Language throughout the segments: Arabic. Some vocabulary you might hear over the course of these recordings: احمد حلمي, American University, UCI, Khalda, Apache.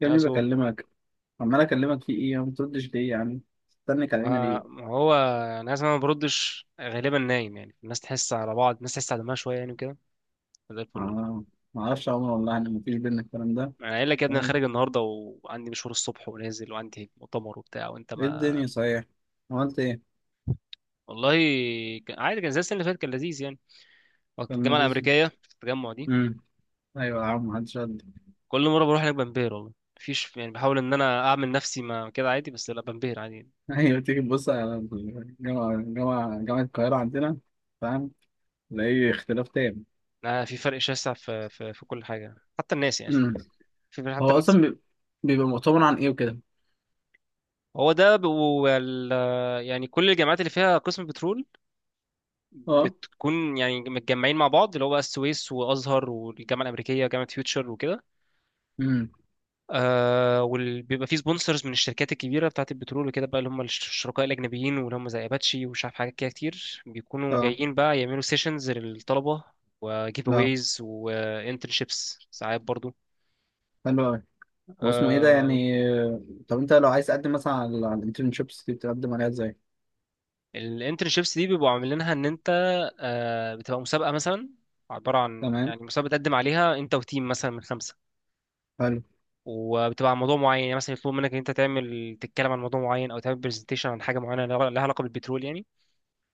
يا يا ابني سو، بكلمك. عمال اكلمك في ايه؟ ما بتردش ليه يا عم؟ استنك علينا ليه؟ وهو يعني عايز، انا ما بردش غالبا نايم يعني. الناس تحس على بعض، الناس تحس على دمها شويه يعني وكده. زي الفل والله. آه. ما اعرفش يا عمر والله ان مفيش بينا الكلام ده. انا قايل لك يا ابني، انا تمام. خارج النهارده وعندي مشوار الصبح ونازل وعندي مؤتمر وبتاع، وانت ايه ما... الدنيا صحيح؟ عملت ايه؟ والله، عادي كان زي السنه اللي فاتت، كان لذيذ يعني، وقت الجامعه فرنانديز. الامريكيه في التجمع دي. امم. ايوه يا عم، محدش رد. كل مره بروح هناك بنبهر والله. مفيش يعني، بحاول ان انا اعمل نفسي ما كده عادي، بس لا، بنبهر عادي يعني. ايوه، تيجي تبص على الجامعه جامعه القاهره عندنا، فاهم؟ تلاقي اختلاف تام. أنا في فرق شاسع، في كل حاجه، حتى الناس يعني. امم. في فرق هو حتى الناس. اصلا بيبقى مؤتمر عن ايه وكده؟ هو ده. يعني كل الجامعات اللي فيها قسم بترول اه. بتكون يعني متجمعين مع بعض، اللي هو بقى السويس وازهر والجامعه الامريكيه وجامعه فيوتشر وكده. امم. آه وبيبقى فيه سبونسرز من الشركات الكبيره بتاعه البترول وكده بقى، اللي هم الشركاء الاجنبيين، واللي هم زي اباتشي ومش عارف حاجات كده كتير، بيكونوا اه. جايين بقى يعملوا سيشنز للطلبه وجيف لا، اويز وانترنشيبس ساعات برضو. حلو أوي. واسمه ايه ده آه، يعني؟ طب انت لو عايز تقدم مثلا على الانترنشيبس دي، بتقدم عليها ازاي؟ الانترنشيبس دي بيبقوا عاملينها ان انت، بتبقى مسابقه مثلا، عباره عن تمام. يعني مسابقه بتقدم عليها انت وتيم مثلا من خمسه. حلو. وبتبقى عن موضوع معين يعني، مثلا يطلب منك ان انت تعمل، تتكلم عن موضوع معين او تعمل برزنتيشن عن حاجه معينه لها علاقه بالبترول يعني.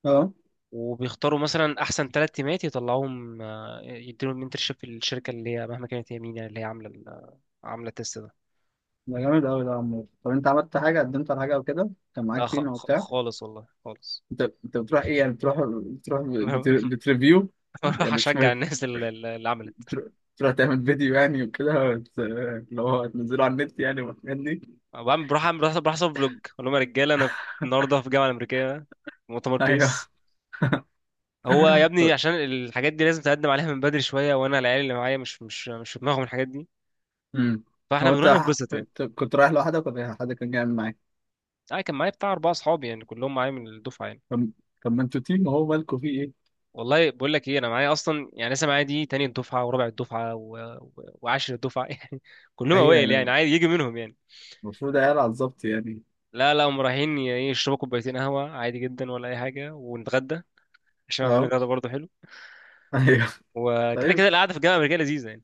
اه، وبيختاروا مثلا احسن ثلاث تيمات يطلعوهم، يديلهم انترشيب في الشركه اللي هي مهما كانت، هي مين يعني، اللي هي عامله التست ده. ده جامد قوي ده يا عمور. طب انت عملت حاجه؟ قدمت على حاجه او كده؟ كان لا، معاك تيم او بتاع؟ خالص والله، خالص. انت بتروح ايه يعني؟ بتريفيو بروح يعني؟ مش اشجع فاهم. الناس اللي عملت. بتروح... بتروح تعمل فيديو يعني، وكده اللي هو تنزله على النت يعني والحاجات دي؟ بعمل بروح اعمل بروح بروح اصور فلوج، اقول لهم يا رجاله، انا النهارده في الجامعه الامريكيه، مؤتمر بيس. ايوه. هو يا ابني عشان الحاجات دي لازم تقدم عليها من بدري شويه، وانا العيال اللي معايا مش في دماغهم الحاجات دي، امم. فاحنا هو انت بنروح نتبسط يعني. انت كنت رايح لوحدك ولا إيه؟ حد كان جاي معاك؟ انا كان معايا بتاع اربعه اصحابي يعني، كلهم معايا من الدفعه يعني. طب طب ما انتوا تيم، هو مالكوا فيه ايه؟ والله بقول لك ايه، انا معايا اصلا يعني لسه معايا دي تاني الدفعه، ورابع الدفعه، و... وعاشر الدفعه يعني، كلهم ايوه اوائل يعني، يعني. عادي يجي منهم يعني. المفروض عيال على الظبط يعني. لا لا، هم رايحين يشربوا كوبايتين قهوه عادي جدا ولا اي حاجه ونتغدى، عشان عاملين اه. غدا برضه حلو. ايوه. وكده طيب. كده القعده في الجامعه الامريكيه لذيذه يعني،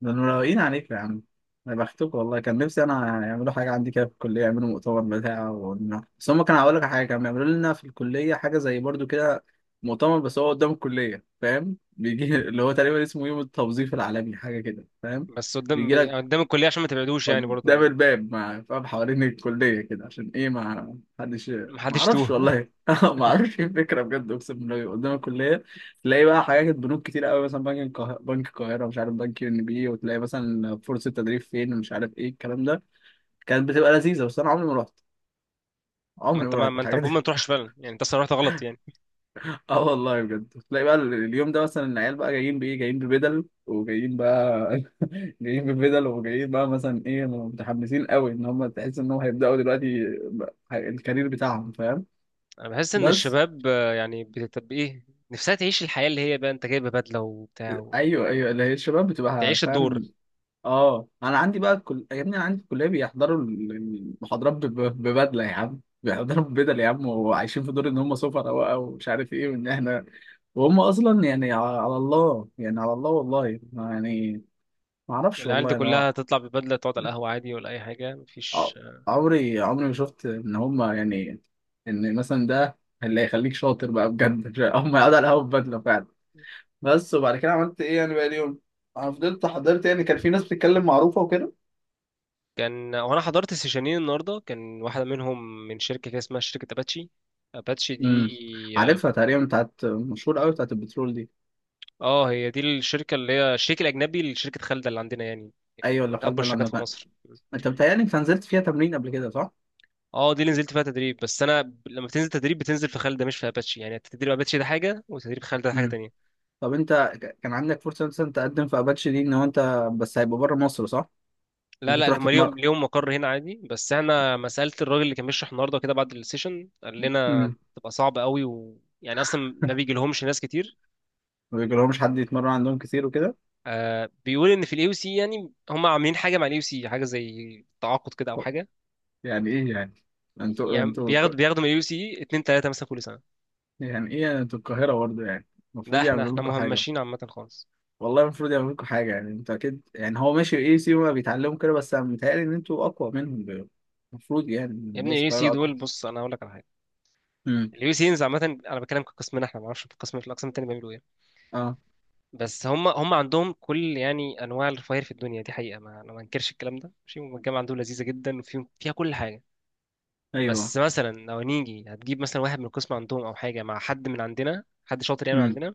ده انا مروقين عليكم يا عم. انا بختكم والله، كان نفسي انا يعملوا حاجه عندي كده في الكليه، يعملوا مؤتمر بتاع ونروح. بس هم كانوا، هقول لك على حاجه، كانوا بيعملوا لنا في الكليه حاجه زي برضو كده، مؤتمر، بس هو قدام الكليه، فاهم، بيجي اللي هو تقريبا اسمه يوم التوظيف العالمي، حاجه كده فاهم، بس قدام بيجي لك قدام الكليه عشان ما تبعدوش يعني برضه، قدام الباب مع فاهم، حوالين الكلية كده، عشان ايه؟ ما حدش. ما ما حدش اعرفش يتوه. والله. ما اعرفش ايه الفكرة بجد، اقسم بالله، قدام الكلية. تلاقي بقى حاجات بنوك كتير قوي، مثلا بنك القاهرة، مش عارف، بنك ان بي، وتلاقي مثلا فرصة تدريب فين، ومش عارف ايه الكلام ده. كانت بتبقى لذيذة، بس انا عمري ما رحت. ما عمري انت ما ما رحت ما انت المفروض الحاجات. ما تروحش فعلا يعني، انت اصلا رحت غلط يعني. اه والله بجد، تلاقي بقى اليوم ده مثلا، العيال بقى جايين بايه، جايين ببدل وجايين بقى، جايين ببدل وجايين بقى مثلا ايه، متحمسين قوي ان هم، تحس انهم هيبداوا دلوقتي بقى الكارير بتاعهم فاهم. انا بحس ان بس. الشباب يعني بتبقى ايه، نفسها تعيش الحياه اللي هي بقى، انت جايبه بدله وبتاع، ايوه، ايوه، اللي هي الشباب بتبقى تعيش الدور. فاهم. اه، انا عندي بقى، كل يا ابني انا عندي في الكليه بيحضروا المحاضرات ببدله يا عم. بيحضروا ببدل يا عم، وعايشين في دور ان هم سفراء بقى، ومش عارف ايه، وان احنا. وهم اصلا يعني على الله يعني، على الله والله يعني. ما اعرفش العيال دي والله انا. كلها تطلع ببدله، تقعد على القهوه عادي ولا اي حاجه، ع- مفيش. عمري ما شفت ان هما يعني، ان مثلا ده اللي هيخليك شاطر بقى بجد. هما يقعدوا على القهوه بدله فعلا. بس، وبعد كده عملت ايه يعني بقى اليوم؟ انا فضلت حضرت يعني، كان في ناس بتتكلم معروفه وكده. وانا حضرت سيشنين النهارده، كان واحده منهم من شركه كده اسمها شركه اباتشي. اباتشي امم. دي، اه. عارفها تقريبا، بتاعت مشهور قوي، بتاعت البترول دي. هي دي الشركه اللي هي الشريك الاجنبي لشركه خالده اللي عندنا يعني، ايوه، اللي اكبر خالده اللي شركات عندها في فقر. مصر. انت بتهيألي انت نزلت فيها تمرين قبل كده، صح؟ اه دي اللي نزلت فيها تدريب، بس انا لما بتنزل تدريب بتنزل في خالد ده، مش في اباتشي، يعني تدريب اباتشي ده حاجه وتدريب خالد ده حاجه امم. تانية. طب انت كان عندك فرصه مثلا تقدم في اباتشي دي، ان هو انت بس هيبقى بره مصر، صح؟ لا ممكن لا، تروح هم ليهم تتمرن. ليهم مقر هنا عادي. بس احنا ما سالت الراجل اللي كان بيشرح النهارده كده بعد السيشن، قال لنا تبقى صعبه قوي، يعني اصلا ما بيجي لهمش ناس كتير. ما بيجيلهمش حد يتمرن عندهم كتير وكده. آه بيقول ان في الاي سي، يعني هم عاملين حاجه مع الاي سي، حاجه زي تعاقد كده او طب، حاجه. يعني ايه يعني؟ انتوا يعني انتوا ك- بياخدوا من الاي سي اتنين تلاته مثلا كل سنه. يعني ايه يعني؟ انتوا القاهرة برضه يعني، لا المفروض احنا يعملوا احنا لكم حاجة. مهمشين عامه خالص. والله المفروض يعملوا لكم حاجة يعني، انتوا اكيد يعني، هو ماشي ايه سيما بيتعلموا كده، بس انا متهيألي ان انتوا اقوى منهم. المفروض يعني يا ابني الناس الاي سي القاهرة اقوى. دول، بص انا هقول لك على حاجه، امم. اليو سي انز عامة، انا بتكلم كقسمنا احنا، ما اعرفش في الاقسام التانية بيعملوا ايه، اه. بس هم عندهم كل يعني انواع الرفاهير في الدنيا دي حقيقة، ما انا ما انكرش الكلام ده، ماشي. هم الجامعة عندهم لذيذة جدا، فيها كل حاجة. ايوه. بس مثلا لو نيجي هتجيب مثلا واحد من القسم عندهم او حاجة مع حد من عندنا، حد شاطر يعني من امم. عندنا،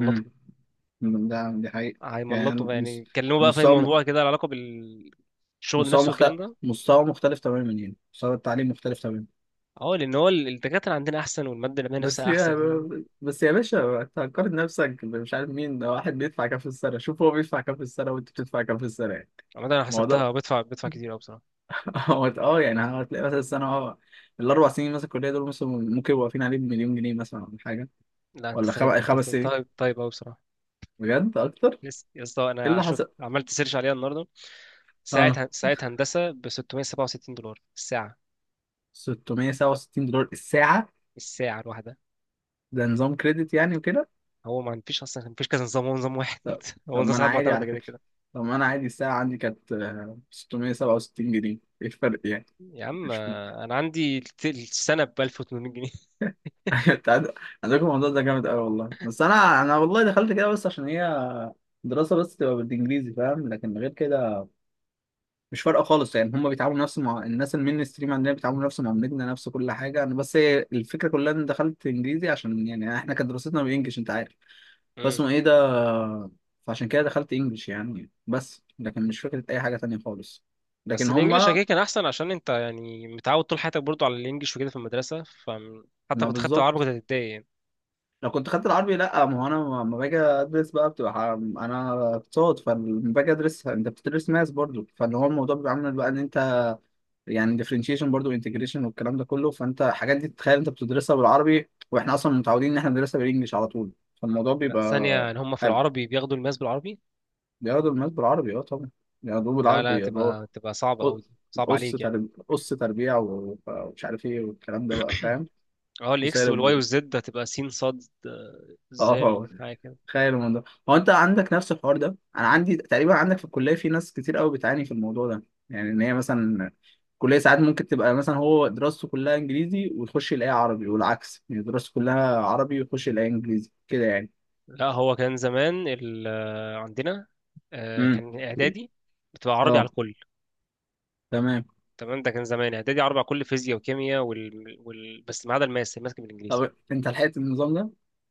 امم. ده دي حقيقة. يعني هيملطوا يعني يتكلموا بقى في اي مستوى موضوع كده له علاقة بالشغل مستوى نفسه والكلام مختلف ده. مستوى مختلف تماما يعني. مستوى التعليم مختلف تماما. اه لان هو الدكاترة عندنا احسن والمادة العلمية بس نفسها يا احسن. بس يا باشا، انت هتقارن نفسك مش عارف مين ده، واحد بيدفع كام في السنة، شوف هو بيدفع كام في السنة، وانت بتدفع كام في السنة يعني. عامة انا الموضوع حسبتها، بدفع كتير قوي بصراحة. هو اه يعني، هتلاقي مثلا السنة اه، الأربع سنين مثلا الكلية دول مثلا ممكن يبقوا واقفين عليه بمليون جنيه مثلا، ولا حاجة. لا انت ولا طيب، انت 5 سنين. طيب طيب قوي بصراحة. بجد أكتر. لسه يا اسطى، إيه انا اللي شفت حصل؟ عملت سيرش عليها النهارده. اه، ساعة هندسة ب 667 دولار الساعة 667 دولار الساعة. الساعة الواحدة. ده نظام كريدت يعني وكده؟ هو ما فيش أصلا، ما فيش كذا نظام، هو نظام واحد، طب هو طب نظام ما أنا ساعات عادي معتمدة على كده فكرة. كده. طب ما أنا عادي الساعة عندي كانت 667 جنيه. إيه الفرق يعني؟ يا عم، أنا عندي السنة ب 1800 جنيه. أيوة، انت عندكم الموضوع ده جامد قوي والله. بس انا والله دخلت كده بس عشان هي دراسه بس تبقى بالانجليزي، فاهم؟ لكن غير كده مش فارقه خالص يعني، هم بيتعاملوا نفس مع... الناس المين ستريم عندنا، بيتعاملوا نفس معاملتنا نفس كل حاجه، انا بس هي الفكره كلها ان دخلت انجليزي عشان يعني احنا كانت دراستنا بالانجلش، انت عارف. مم. فاسمه ايه ده. فعشان كده دخلت انجلش يعني، بس لكن مش فكره اي حاجه تانية خالص، بس لكن هم. الإنجليش أكيد كان أحسن، عشان أنت يعني متعود طول حياتك برضو على الإنجليش وكده في المدرسة، فحتى ما كنت خدت عربي كنت بالظبط. هتتضايق يعني. لو كنت خدت العربي لا، ما هو انا لما باجي ادرس بقى بتبقى انا اقتصاد، فلما باجي ادرس انت بتدرس ماس برضو، فاللي هو الموضوع بيبقى عامل بقى ان انت يعني ديفرنشيشن برضو انتجريشن والكلام ده كله. فانت الحاجات دي تتخيل انت بتدرسها بالعربي، واحنا اصلا متعودين ان احنا بندرسها بالانجلش على طول، فالموضوع لا بيبقى. ثانية إن هما في أب- العربي بياخدوا الماس بالعربي. بياخدوا الماس بالعربي، اه طبعا، بياخدوه لا لا، بالعربي، اللي هو تبقى صعبة أوي، صعب عليك يعني. قص تربيع ومش عارف ايه والكلام ده بقى فاهم، اه الاكس وسالب، والواي والزد هتبقى سين صاد اه. زال، فوت، حاجه كده. تخيل الموضوع. هو انت عندك نفس الحوار ده؟ انا عندي تقريبا، عندك في الكليه في ناس كتير قوي بتعاني في الموضوع ده، يعني ان هي مثلا الكليه ساعات ممكن تبقى مثلا هو دراسته كلها انجليزي، وتخش يلاقيها عربي، والعكس يعني دراسته كلها عربي ويخش يلاقيها انجليزي كده يعني. لا هو كان زمان عندنا، امم. كان اعدادي بتبقى عربي على اه. الكل. تمام. تمام، ده كان زمان اعدادي عربي على الكل، فيزياء وكيمياء بس ما عدا الماس، الماس كان بالانجليزي. طب انت لحقت النظام ده؟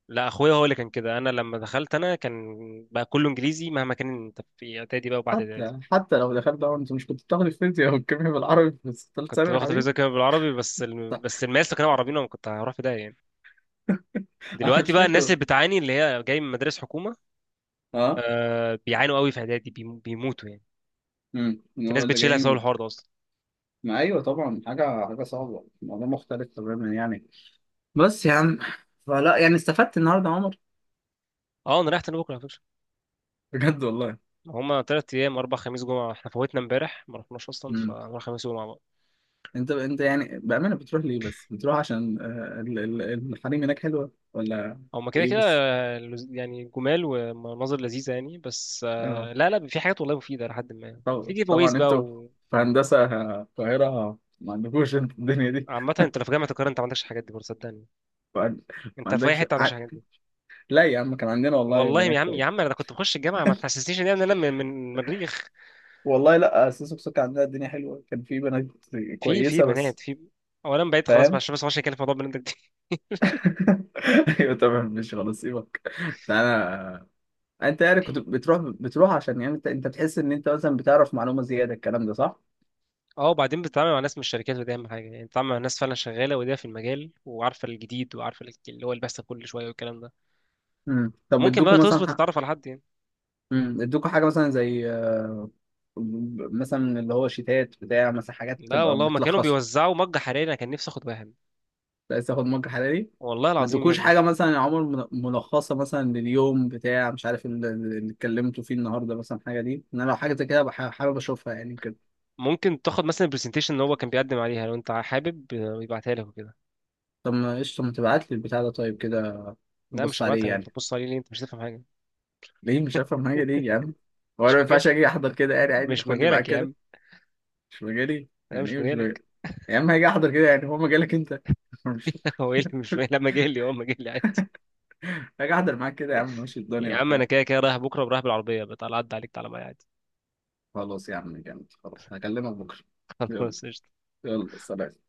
لا اخويا هو اللي كان كده، انا لما دخلت انا كان بقى كله انجليزي مهما كان، انت في اعدادي بقى وبعد اعدادي حتى لو دخلت ده انت مش كنت بتاخد الفيزياء والكيمياء بالعربي في ثالث كنت ثانوي يا باخد حبيبي؟ فيزياء كيمياء بالعربي، بس طب. الماس لو كانوا عربيين انا كنت هروح في ده يعني. انا دلوقتي مش بقى الناس فاكر. اللي بتعاني اللي هي جاي من مدارس حكومه، اه. آه بيعانوا قوي في اعدادي، بيموتوا يعني. امم. إن في هو ناس اللي بتشيلها جايين. بسبب الحوار ده اصلا. ما ايوه طبعا، حاجه صعبه، الموضوع مختلف تماما يعني. بس يا عم. فلا يعني، استفدت النهارده يا عمر؟ اه انا رايح تاني بكره على فكره، بجد والله. هما 3 أيام، اربع خميس جمعه. احنا فوتنا امبارح ما رحناش اصلا، امم. فنروح خميس وجمعه بقى. انت يعني بامانه، بتروح ليه بس؟ بتروح عشان الحريم هناك حلوه، ولا هما كده ايه؟ كده، بس يعني جمال ومناظر لذيذه يعني. بس اه. لا لا، في حاجات والله مفيده، لحد ما في جيف اويز طبعا، بقى انتوا و... في هندسه القاهره ما عندكوش انتوا الدنيا دي. عامة انت لو في جامعة القاهرة انت ما عندكش الحاجات دي برضه صدقني، ما عند- ما انت في اي عندكش حتة ما عندكش الحاجات دي. لا يا عم، كان عندنا والله والله يا بنات عم كويس. يا عم، انا كنت بخش الجامعة ما تحسسنيش ان انا من مريخ. والله لا، اساس بسكة عندنا الدنيا حلوه، كان في بنات في كويسه بس بنات، في اولا بقيت خلاص فاهم. معلش، بس ما عشان كان في موضوع بنات ده. ايوه طبعا، مش هنصيبك. انا، انت يعني كنت بتروح بتروح عشان يعني انت بتحس ان انت مثلا بتعرف معلومه زياده الكلام ده، صح؟ اه وبعدين بتتعامل مع ناس من الشركات، ودي اهم حاجه يعني، بتتعامل مع ناس فعلا شغاله ودي في المجال، وعارفه الجديد وعارفه اللي هو اللي بيحصل كل شويه والكلام ده، امم. طب وممكن ادوكوا بقى مثلا تظبط حاجه؟ تتعرف على حد يعني. امم. ادوكوا حاجه مثلا زي مثلا اللي هو شيتات بتاع مثلا حاجات لا تبقى والله ما كانوا بتلخص؟ بيوزعوا مج حراري، انا كان نفسي اخد واحد عايز تاخد مج حراري؟ والله ما العظيم يا ادوكوش ابني. حاجه مثلا يا عمر، ملخصه مثلا لليوم بتاع، مش عارف اللي اتكلمتوا فيه النهارده مثلا، حاجه دي، ان انا لو حاجه زي كده حابب اشوفها يعني كده. ممكن تاخد مثلا البرزنتيشن اللي هو كان بيقدم عليها لو انت حابب، يبعتها لك وكده. طب ما قشطه، ما تبعت لي البتاع ده طيب كده. لا نبص مش هبعت عليه لك، انت يعني، تبص عليه ليه، انت مش هتفهم حاجه. ليه مش هفهم حاجة ليه يا عم؟ هو أنا مش ما مجال ينفعش أجي أحضر كده يعني؟ عادي، مش خدني معاك مجالك يا كده. عم، مش مجالي، انا يعني مش إيه مش مجالي مجالك. يا عم؟ هاجي أحضر كده يعني، هو مجالك أنت؟ مش هو ايه اللي مش مجالي؟ لا مجالي، هو مجالي عادي. هاجي أحضر معاك كده يا عم، ماشي الدنيا يا عم وبتاع. انا كده كده رايح بكره ورايح بالعربيه، بتعالى عدى عليك تعالى معايا عادي. خلاص يا عم جامد، خلاص هكلمك بكرة. يلا. خلاص قشطة. يلا سلام.